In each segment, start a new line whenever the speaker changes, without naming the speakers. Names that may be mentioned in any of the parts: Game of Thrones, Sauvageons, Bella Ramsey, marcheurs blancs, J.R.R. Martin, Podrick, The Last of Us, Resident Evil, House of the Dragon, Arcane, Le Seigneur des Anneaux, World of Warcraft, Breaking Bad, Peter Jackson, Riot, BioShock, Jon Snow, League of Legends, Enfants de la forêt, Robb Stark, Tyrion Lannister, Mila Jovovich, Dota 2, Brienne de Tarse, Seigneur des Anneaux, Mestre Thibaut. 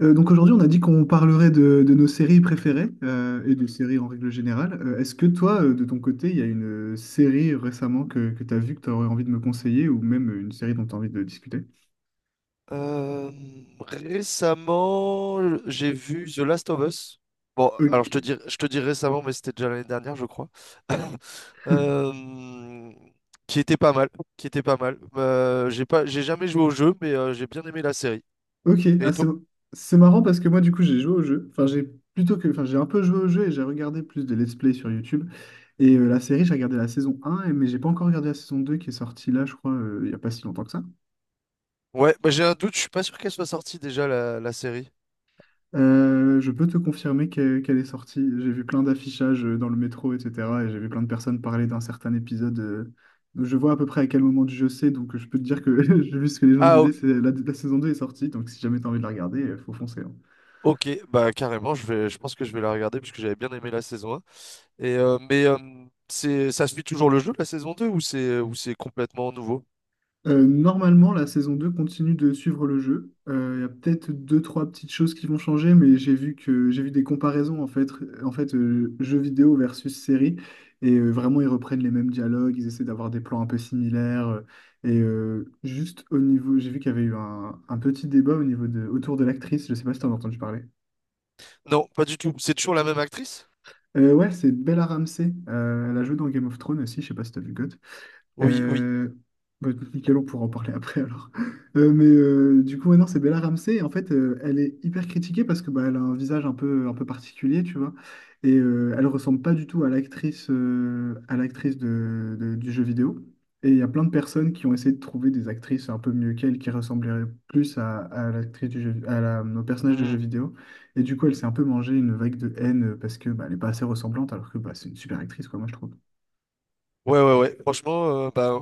Donc aujourd'hui, on a dit qu'on parlerait de nos séries préférées, et des séries en règle générale. Est-ce que toi, de ton côté, il y a une série récemment que tu as vue que tu aurais envie de me conseiller ou même une série dont tu as envie de discuter?
Euh, Récemment, j'ai vu The Last of Us. Bon, alors je te
Ok,
dis, je te dis récemment, mais c'était déjà l'année dernière, je crois. Euh, qui était pas mal, qui était pas mal. J'ai jamais joué au jeu, mais j'ai bien aimé la série.
ok.
Et
Ah,
toi?
c'est marrant parce que moi, du coup, j'ai joué au jeu. Enfin, j'ai plutôt que, enfin, j'ai un peu joué au jeu et j'ai regardé plus de let's play sur YouTube. Et la série, j'ai regardé la saison un mais j'ai pas encore regardé la saison 2 qui est sortie là, je crois, il y a pas si longtemps que ça.
Ouais, bah, j'ai un doute, je suis pas sûr qu'elle soit sortie déjà la série.
Je peux te confirmer qu'elle est sortie. J'ai vu plein d'affichages dans le métro, etc. Et j'ai vu plein de personnes parler d'un certain épisode. Je vois à peu près à quel moment du jeu c'est, donc je peux te dire que j'ai vu ce que les gens
Ah
disaient,
ok,
c'est la saison 2 est sortie, donc si jamais t'as envie de la regarder, faut foncer, hein.
ok, bah carrément, je pense que je vais la regarder puisque j'avais bien aimé la saison. Mais ça suit toujours le jeu, la saison deux, ou c'est complètement nouveau?
Normalement, la saison 2 continue de suivre le jeu. Il y a peut-être deux, trois petites choses qui vont changer, mais j'ai vu des comparaisons en fait, jeux vidéo versus série, et vraiment ils reprennent les mêmes dialogues, ils essaient d'avoir des plans un peu similaires, et juste au niveau, j'ai vu qu'il y avait eu un petit débat au niveau de autour de l'actrice. Je sais pas si t'en as entendu parler.
Non, pas du tout. C'est toujours la même actrice?
Ouais, c'est Bella Ramsey. Elle a joué dans Game of Thrones aussi. Je sais pas si t'as vu GOT.
Oui, oui.
Euh, Bah, nickel, on pourra en parler après alors. Du coup, ouais, non, c'est Bella Ramsey. Et en fait, elle est hyper critiquée parce que bah, elle a un visage un peu particulier, tu vois. Et elle ressemble pas du tout à l'actrice du jeu vidéo. Et il y a plein de personnes qui ont essayé de trouver des actrices un peu mieux qu'elle qui ressembleraient plus à l'actrice du jeu, à la, au personnage de jeu
Mhm.
vidéo. Et du coup, elle s'est un peu mangée une vague de haine parce que bah, elle est pas assez ressemblante alors que bah, c'est une super actrice, quoi, moi je trouve.
Ouais, ouais, ouais. Franchement, bah,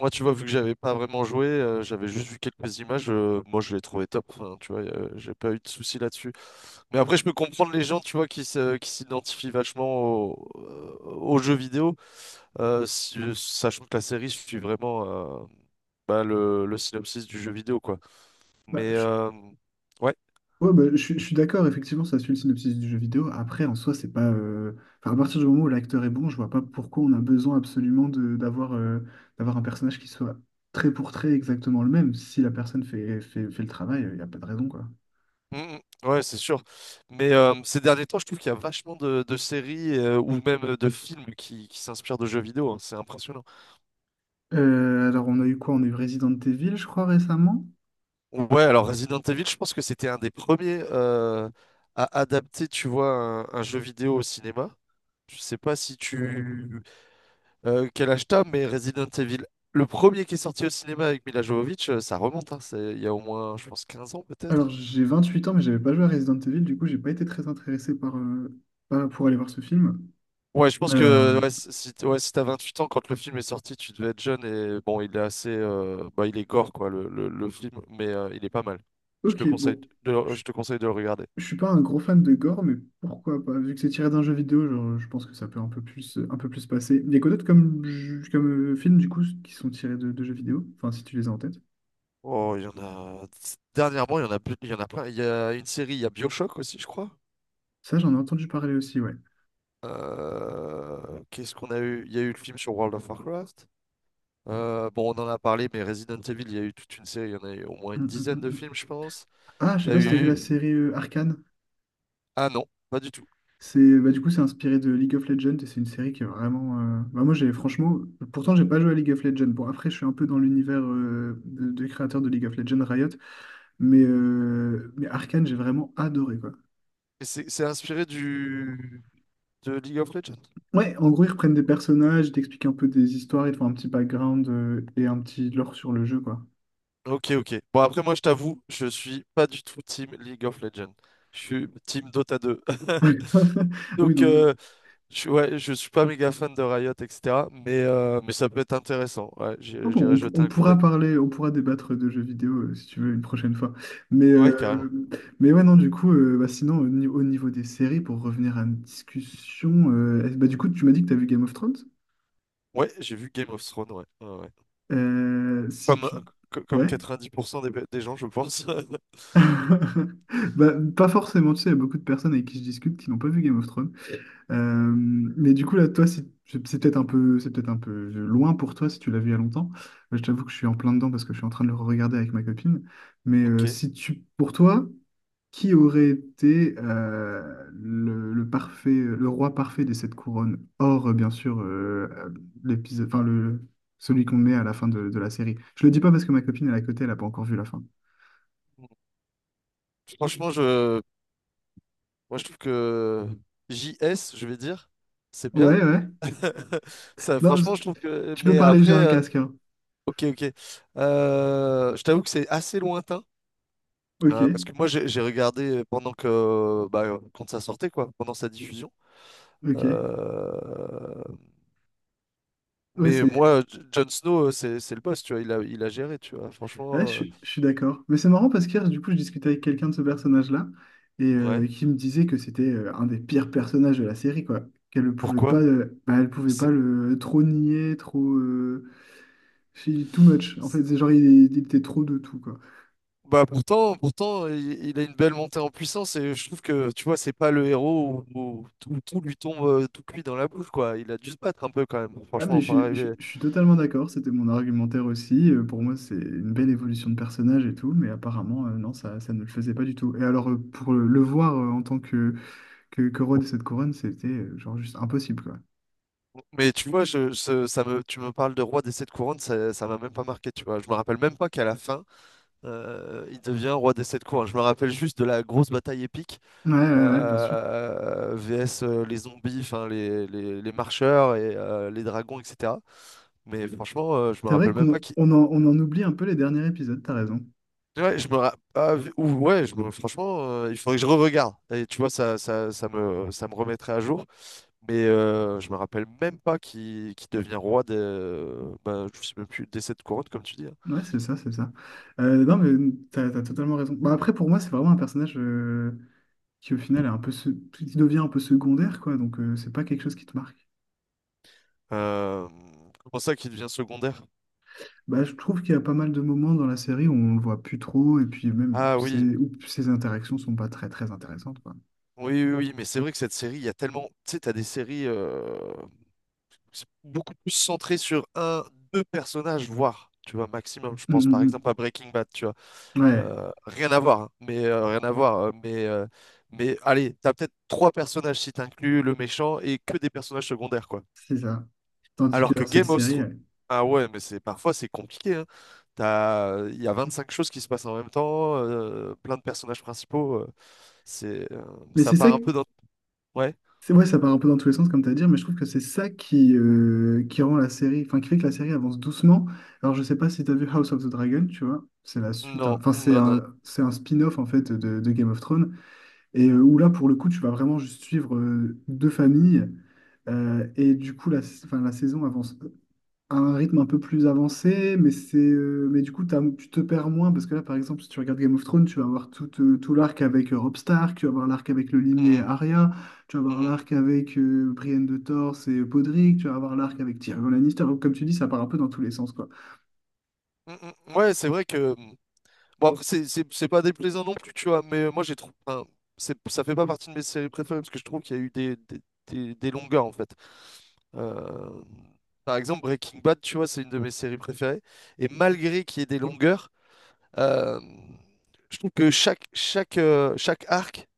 moi, tu vois, vu que j'avais pas vraiment joué, j'avais juste vu quelques images, moi, je l'ai trouvé top. Enfin, tu vois, j'ai pas eu de soucis là-dessus. Mais après, je peux comprendre les gens, tu vois, qui s'identifient vachement aux jeux vidéo, sachant que la série suit vraiment euh, le synopsis du jeu vidéo, quoi.
Bah,
Mais...
je-
euh, ouais.
Ouais, bah, je suis d'accord, effectivement, ça suit le synopsis du jeu vidéo. Après, en soi, c'est pas. Enfin, à partir du moment où l'acteur est bon, je vois pas pourquoi on a besoin absolument de d'avoir un personnage qui soit trait pour trait exactement le même. Si la personne fait le travail, il n'y a pas de raison, quoi.
Mm, mm. Ouais, c'est sûr. Mais ces derniers temps, je trouve qu'il y a vachement de séries, ou même de films qui s'inspirent de jeux vidéo, hein. C'est impressionnant.
Alors, on a eu quoi? On a eu Resident Evil, je crois, récemment.
Ouais, alors Resident Evil, je pense que c'était un des premiers à adapter, tu vois, un jeu vidéo au cinéma. Je sais pas si tu, quel âge t'as, mais Resident Evil, le premier qui est sorti au cinéma avec Mila Jovovich, ça remonte, hein. Il y a au moins, je pense, 15 ans
Alors,
peut-être.
j'ai 28 ans, mais j'avais pas joué à Resident Evil, du coup, j'ai pas été très intéressé par, pour aller voir ce film.
Ouais, je pense que
Euh,
ouais, si t'as 28 ans quand le film est sorti, tu devais être jeune. Et bon, il est assez, bah, il est gore quoi le film, mais il est pas mal. Je
ok,
te conseille
bon.
je te conseille de le regarder.
Je suis pas un gros fan de gore, mais pourquoi pas? Vu que c'est tiré d'un jeu vidéo, genre, je pense que ça peut un peu plus passer. Il y a quoi d'autre comme, films, du coup, qui sont tirés de jeux vidéo? Enfin, si tu les as en tête.
Oh, il y en a. Dernièrement, il y en a plein. Il y a une série, il y a BioShock aussi, je crois.
Ça, j'en ai entendu parler aussi, ouais.
Qu'est-ce qu'on a eu? Il y a eu le film sur World of Warcraft. Bon, on en a parlé, mais Resident Evil, il y a eu toute une série. Il y en a eu au moins une
Hum, hum,
dizaine
hum,
de
hum.
films, je pense.
Ah, je sais
T'as
pas si t'as vu la
eu...
série Arcane.
Ah non, pas du tout.
C'est, bah, du coup, c'est inspiré de League of Legends et c'est une série qui est vraiment. Bah, moi, j'ai franchement. Pourtant, j'ai pas joué à League of Legends. Bon, après, je suis un peu dans l'univers des créateurs de League of Legends, Riot. Mais Arcane, j'ai vraiment adoré.
C'est inspiré de League of Legends.
Ouais, en gros, ils reprennent des personnages, ils t'expliquent un peu des histoires, ils te font un petit background et un petit lore sur le jeu, quoi.
Ok, ok. Bon, après, moi, je t'avoue, je suis pas du tout team League of Legends. Je suis team Dota 2.
Ah oui,
Donc,
donc,
ouais, je suis pas méga fan de Riot, etc. Mais ça peut être intéressant. Ouais,
oh
j'irai
bon,
jeter
on
un coup d'œil.
pourra parler, on pourra débattre de jeux vidéo si tu veux une prochaine fois. Mais,
Ouais, carrément.
euh, mais ouais, non, du coup, bah, sinon, au, ni- au niveau des séries, pour revenir à une discussion, est bah, du coup, tu m'as dit que tu as vu Game of Thrones?
Ouais, j'ai vu Game of Thrones, ouais. Ouais, ouais.
Si
Comme, euh,
tu.
comme
Ouais.
90% des gens, je pense.
Bah, pas forcément, tu sais, il y a beaucoup de personnes avec qui je discute qui n'ont pas vu Game of Thrones. Euh, mais du coup, là, toi, c'est peut-être un peu loin pour toi si tu l'as vu il y a longtemps. Je t'avoue que je suis en plein dedans parce que je suis en train de le regarder avec ma copine. Mais
Ok.
si tu, pour toi, qui aurait été le parfait, le roi parfait des sept couronnes, hors bien sûr l'épisode, enfin le celui qu'on met à la fin de la série. Je le dis pas parce que ma copine elle est à côté, elle a pas encore vu la fin.
Franchement, moi, je trouve que JS, je vais dire, c'est bien.
Ouais, ouais.
Ça,
Non,
franchement, je trouve que.
tu peux
Mais
parler,
après,
j'ai un casque, hein.
ok, ok. Je t'avoue que c'est assez lointain,
Ok,
parce que moi, j'ai regardé pendant que. Bah, quand ça sortait, quoi, pendant sa diffusion.
ok.
Euh,
Ouais,
Mais
c'est.
moi, Jon Snow, c'est le boss, tu vois. Il a géré, tu vois.
Ouais,
Franchement,
je suis d'accord. Mais c'est marrant parce qu'hier, du coup, je discutais avec quelqu'un de ce personnage-là et
ouais.
qui me disait que c'était un des pires personnages de la série, quoi. Qu'elle ne pouvait
Pourquoi?
pas, bah, elle pouvait pas
C'est-
le trop nier, trop, she- too much. En fait,
c'est-
c'est genre il était trop de tout, quoi.
Bah pourtant, pourtant, il a une belle montée en puissance et je trouve que, tu vois, c'est pas le héros où tout, tout lui tombe, tout cuit dans la bouche, quoi. Il a dû se battre un peu quand même,
Ah, mais
franchement, pour arriver.
je suis totalement d'accord. C'était mon argumentaire aussi. Pour moi, c'est une belle évolution de personnage et tout, mais apparemment, non, ça ne le faisait pas du tout. Et alors, pour le voir en tant que que roi de cette couronne, c'était genre juste impossible, quoi.
Mais tu vois, je, ce ça me, tu me parles de roi des sept couronnes, ça m'a même pas marqué, tu vois. Je me rappelle même pas qu'à la fin, il devient roi des sept couronnes. Je me rappelle juste de la grosse bataille épique,
Ouais, ouais, ouais, bien sûr.
VS les zombies, enfin les marcheurs et les dragons, etc. Mais franchement, je me
C'est vrai
rappelle même pas
qu'
qui.
on en oublie un peu les derniers épisodes, t'as raison.
Ouais, je me ra- ah, v- ou- franchement, il faudrait que je re-regarde. Et tu vois, ça me remettrait à jour. Mais je me rappelle même pas qui devient roi bah, je sais même plus, des sept couronnes, comme tu dis, hein.
Ouais, c'est ça, c'est ça. Non, mais t'as totalement raison. Bah, après, pour moi, c'est vraiment un personnage qui, au final, est qui devient un peu secondaire, quoi. Donc, c'est pas quelque chose qui te marque.
Euh, Comment ça, qui devient secondaire?
Bah, je trouve qu'il y a pas mal de moments dans la série où on le voit plus trop, et puis même où
Ah oui,
où ses interactions sont pas très, très intéressantes, quoi.
oui, oui, oui. Mais c'est vrai que cette série, il y a tellement, tu sais, t'as des séries. C'est beaucoup plus centré sur un, deux personnages, voire, tu vois, maximum. Je
Hum,
pense par
hum,
exemple à Breaking Bad, tu vois.
Ouais,
Rien à voir, hein, mais rien à voir. Mais allez, t'as peut-être trois personnages si t'inclus le méchant et que des personnages secondaires, quoi.
c'est ça. Tandis que
Alors que
dans cette
Game of
série,
Thrones.
ouais.
Ah ouais, mais c'est parfois c'est compliqué, hein. Il y a 25 choses qui se passent en même temps, plein de personnages principaux. C'est, euh,
Mais
Ça
c'est ça.
part un peu dans. Ouais.
C'est vrai, ça part un peu dans tous les sens, comme tu as dit, mais je trouve que c'est ça qui rend la série, enfin, qui fait que la série avance doucement. Alors, je sais pas si tu as vu House of the Dragon, tu vois, c'est la suite,
Non,
hein. Enfin, c'est
non, non.
c'est un spin-off, en fait, de Game of Thrones, et
Mm,
où là, pour le coup, tu vas vraiment juste suivre deux familles, et du coup, la saison avance à un rythme un peu plus avancé, mais c'est mais du coup tu te perds moins parce que là par exemple si tu regardes Game of Thrones, tu vas avoir tout, tout l'arc avec Robb Stark, tu vas avoir l'arc avec le limier et
mm,
Arya, tu vas
mm,
avoir
mm,
l'arc avec Brienne de Tarse et Podrick, tu vas avoir l'arc avec Tyrion Lannister. Donc, comme tu dis, ça part un peu dans tous les sens quoi.
mm, mm, mm. Ouais, c'est vrai que bon, après, c'est pas déplaisant non plus, tu vois, mais moi, j'ai trouvé. Enfin, ça fait pas partie de mes séries préférées parce que je trouve qu'il y a eu des longueurs, en fait. Euh, Par exemple, Breaking Bad, tu vois, c'est une de mes séries préférées. Et malgré qu'il y ait des longueurs, euh, je trouve que chaque arc,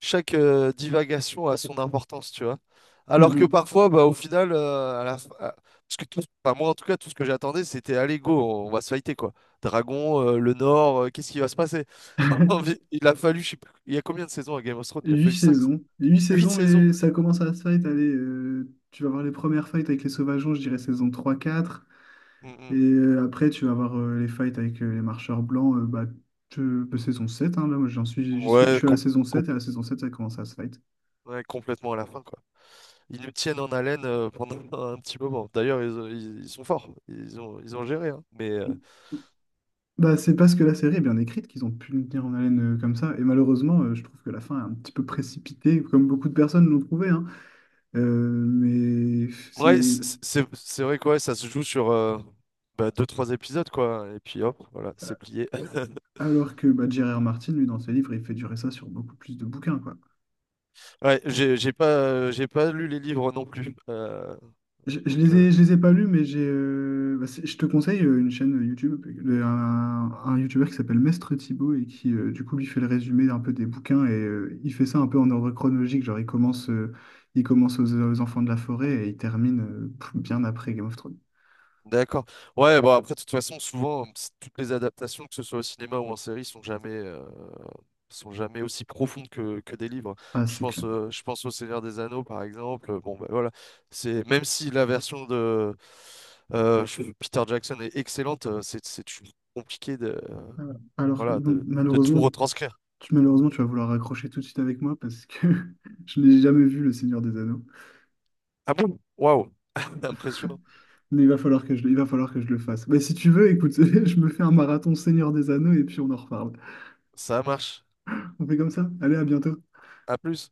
chaque divagation a son importance, tu vois. Alors que
Mhm.
parfois, bah, au final, à la fin- à- parce que enfin, moi en tout cas, tout ce que j'attendais, c'était allez, go, on va se fighter quoi. Dragon, le Nord, qu'est-ce qui va se passer? Il a fallu, je sais plus, il y a combien de saisons à Game of Thrones? Il a fallu cinq,
Huit
huit
saisons,
saisons.
mais ça commence à se fight. Allez, tu vas voir les premières fights avec les Sauvageons, je dirais saison trois quatre. Et
Mm,
après, tu vas avoir les fights avec les marcheurs blancs, bah, que saison 7 hein, là, moi,
mm.
j'y suis, je
Ouais,
suis à la saison
com-
7 et à la saison 7 ça commence à se fight.
ouais, complètement à la fin quoi. Ils nous tiennent en haleine pendant un petit moment. D'ailleurs, ils sont forts, ils ont géré, hein. Mais
Bah, c'est parce que la série est bien écrite qu'ils ont pu le tenir en haleine comme ça. Et malheureusement, je trouve que la fin est un petit peu précipitée, comme beaucoup de personnes l'ont trouvé, hein. Euh, mais
ouais,
c'est. c'est-
c'est vrai quoi, ça se joue sur bah, deux, trois épisodes quoi, et puis hop, voilà, c'est plié.
Alors que bah, J.R.R. Martin, lui, dans ses livres, il fait durer ça sur beaucoup plus de bouquins, quoi.
Ouais, j'ai pas lu les livres non plus, donc euh,
Je les ai pas lus, mais j'ai, bah, c'est- je te conseille une chaîne YouTube, un YouTuber qui s'appelle Mestre Thibaut et qui, du coup, lui fait le résumé un peu des bouquins et il fait ça un peu en ordre chronologique. Genre, il commence aux Enfants de la forêt et il termine pff, bien après Game of Thrones.
d'accord. Ouais, bon après de toute façon, souvent toutes les adaptations, que ce soit au cinéma ou en série, sont jamais aussi profondes que des livres.
Ah, c'est clair.
Je pense au Seigneur des Anneaux par exemple. Bon bah voilà, c'est, même si la version de Peter Jackson est excellente, c'est toujours compliqué de.
Alors,
Voilà,
donc,
de tout
malheureusement,
retranscrire.
malheureusement, tu vas vouloir raccrocher tout de suite avec moi parce que je n'ai jamais vu Le Seigneur des Anneaux.
Ah bon? Waouh! Impressionnant.
Mais il va falloir que il va falloir que je le fasse. Mais si tu veux, écoute, je me fais un marathon Seigneur des Anneaux et puis on en reparle.
Ça marche.
On fait comme ça. Allez, à bientôt.
À plus.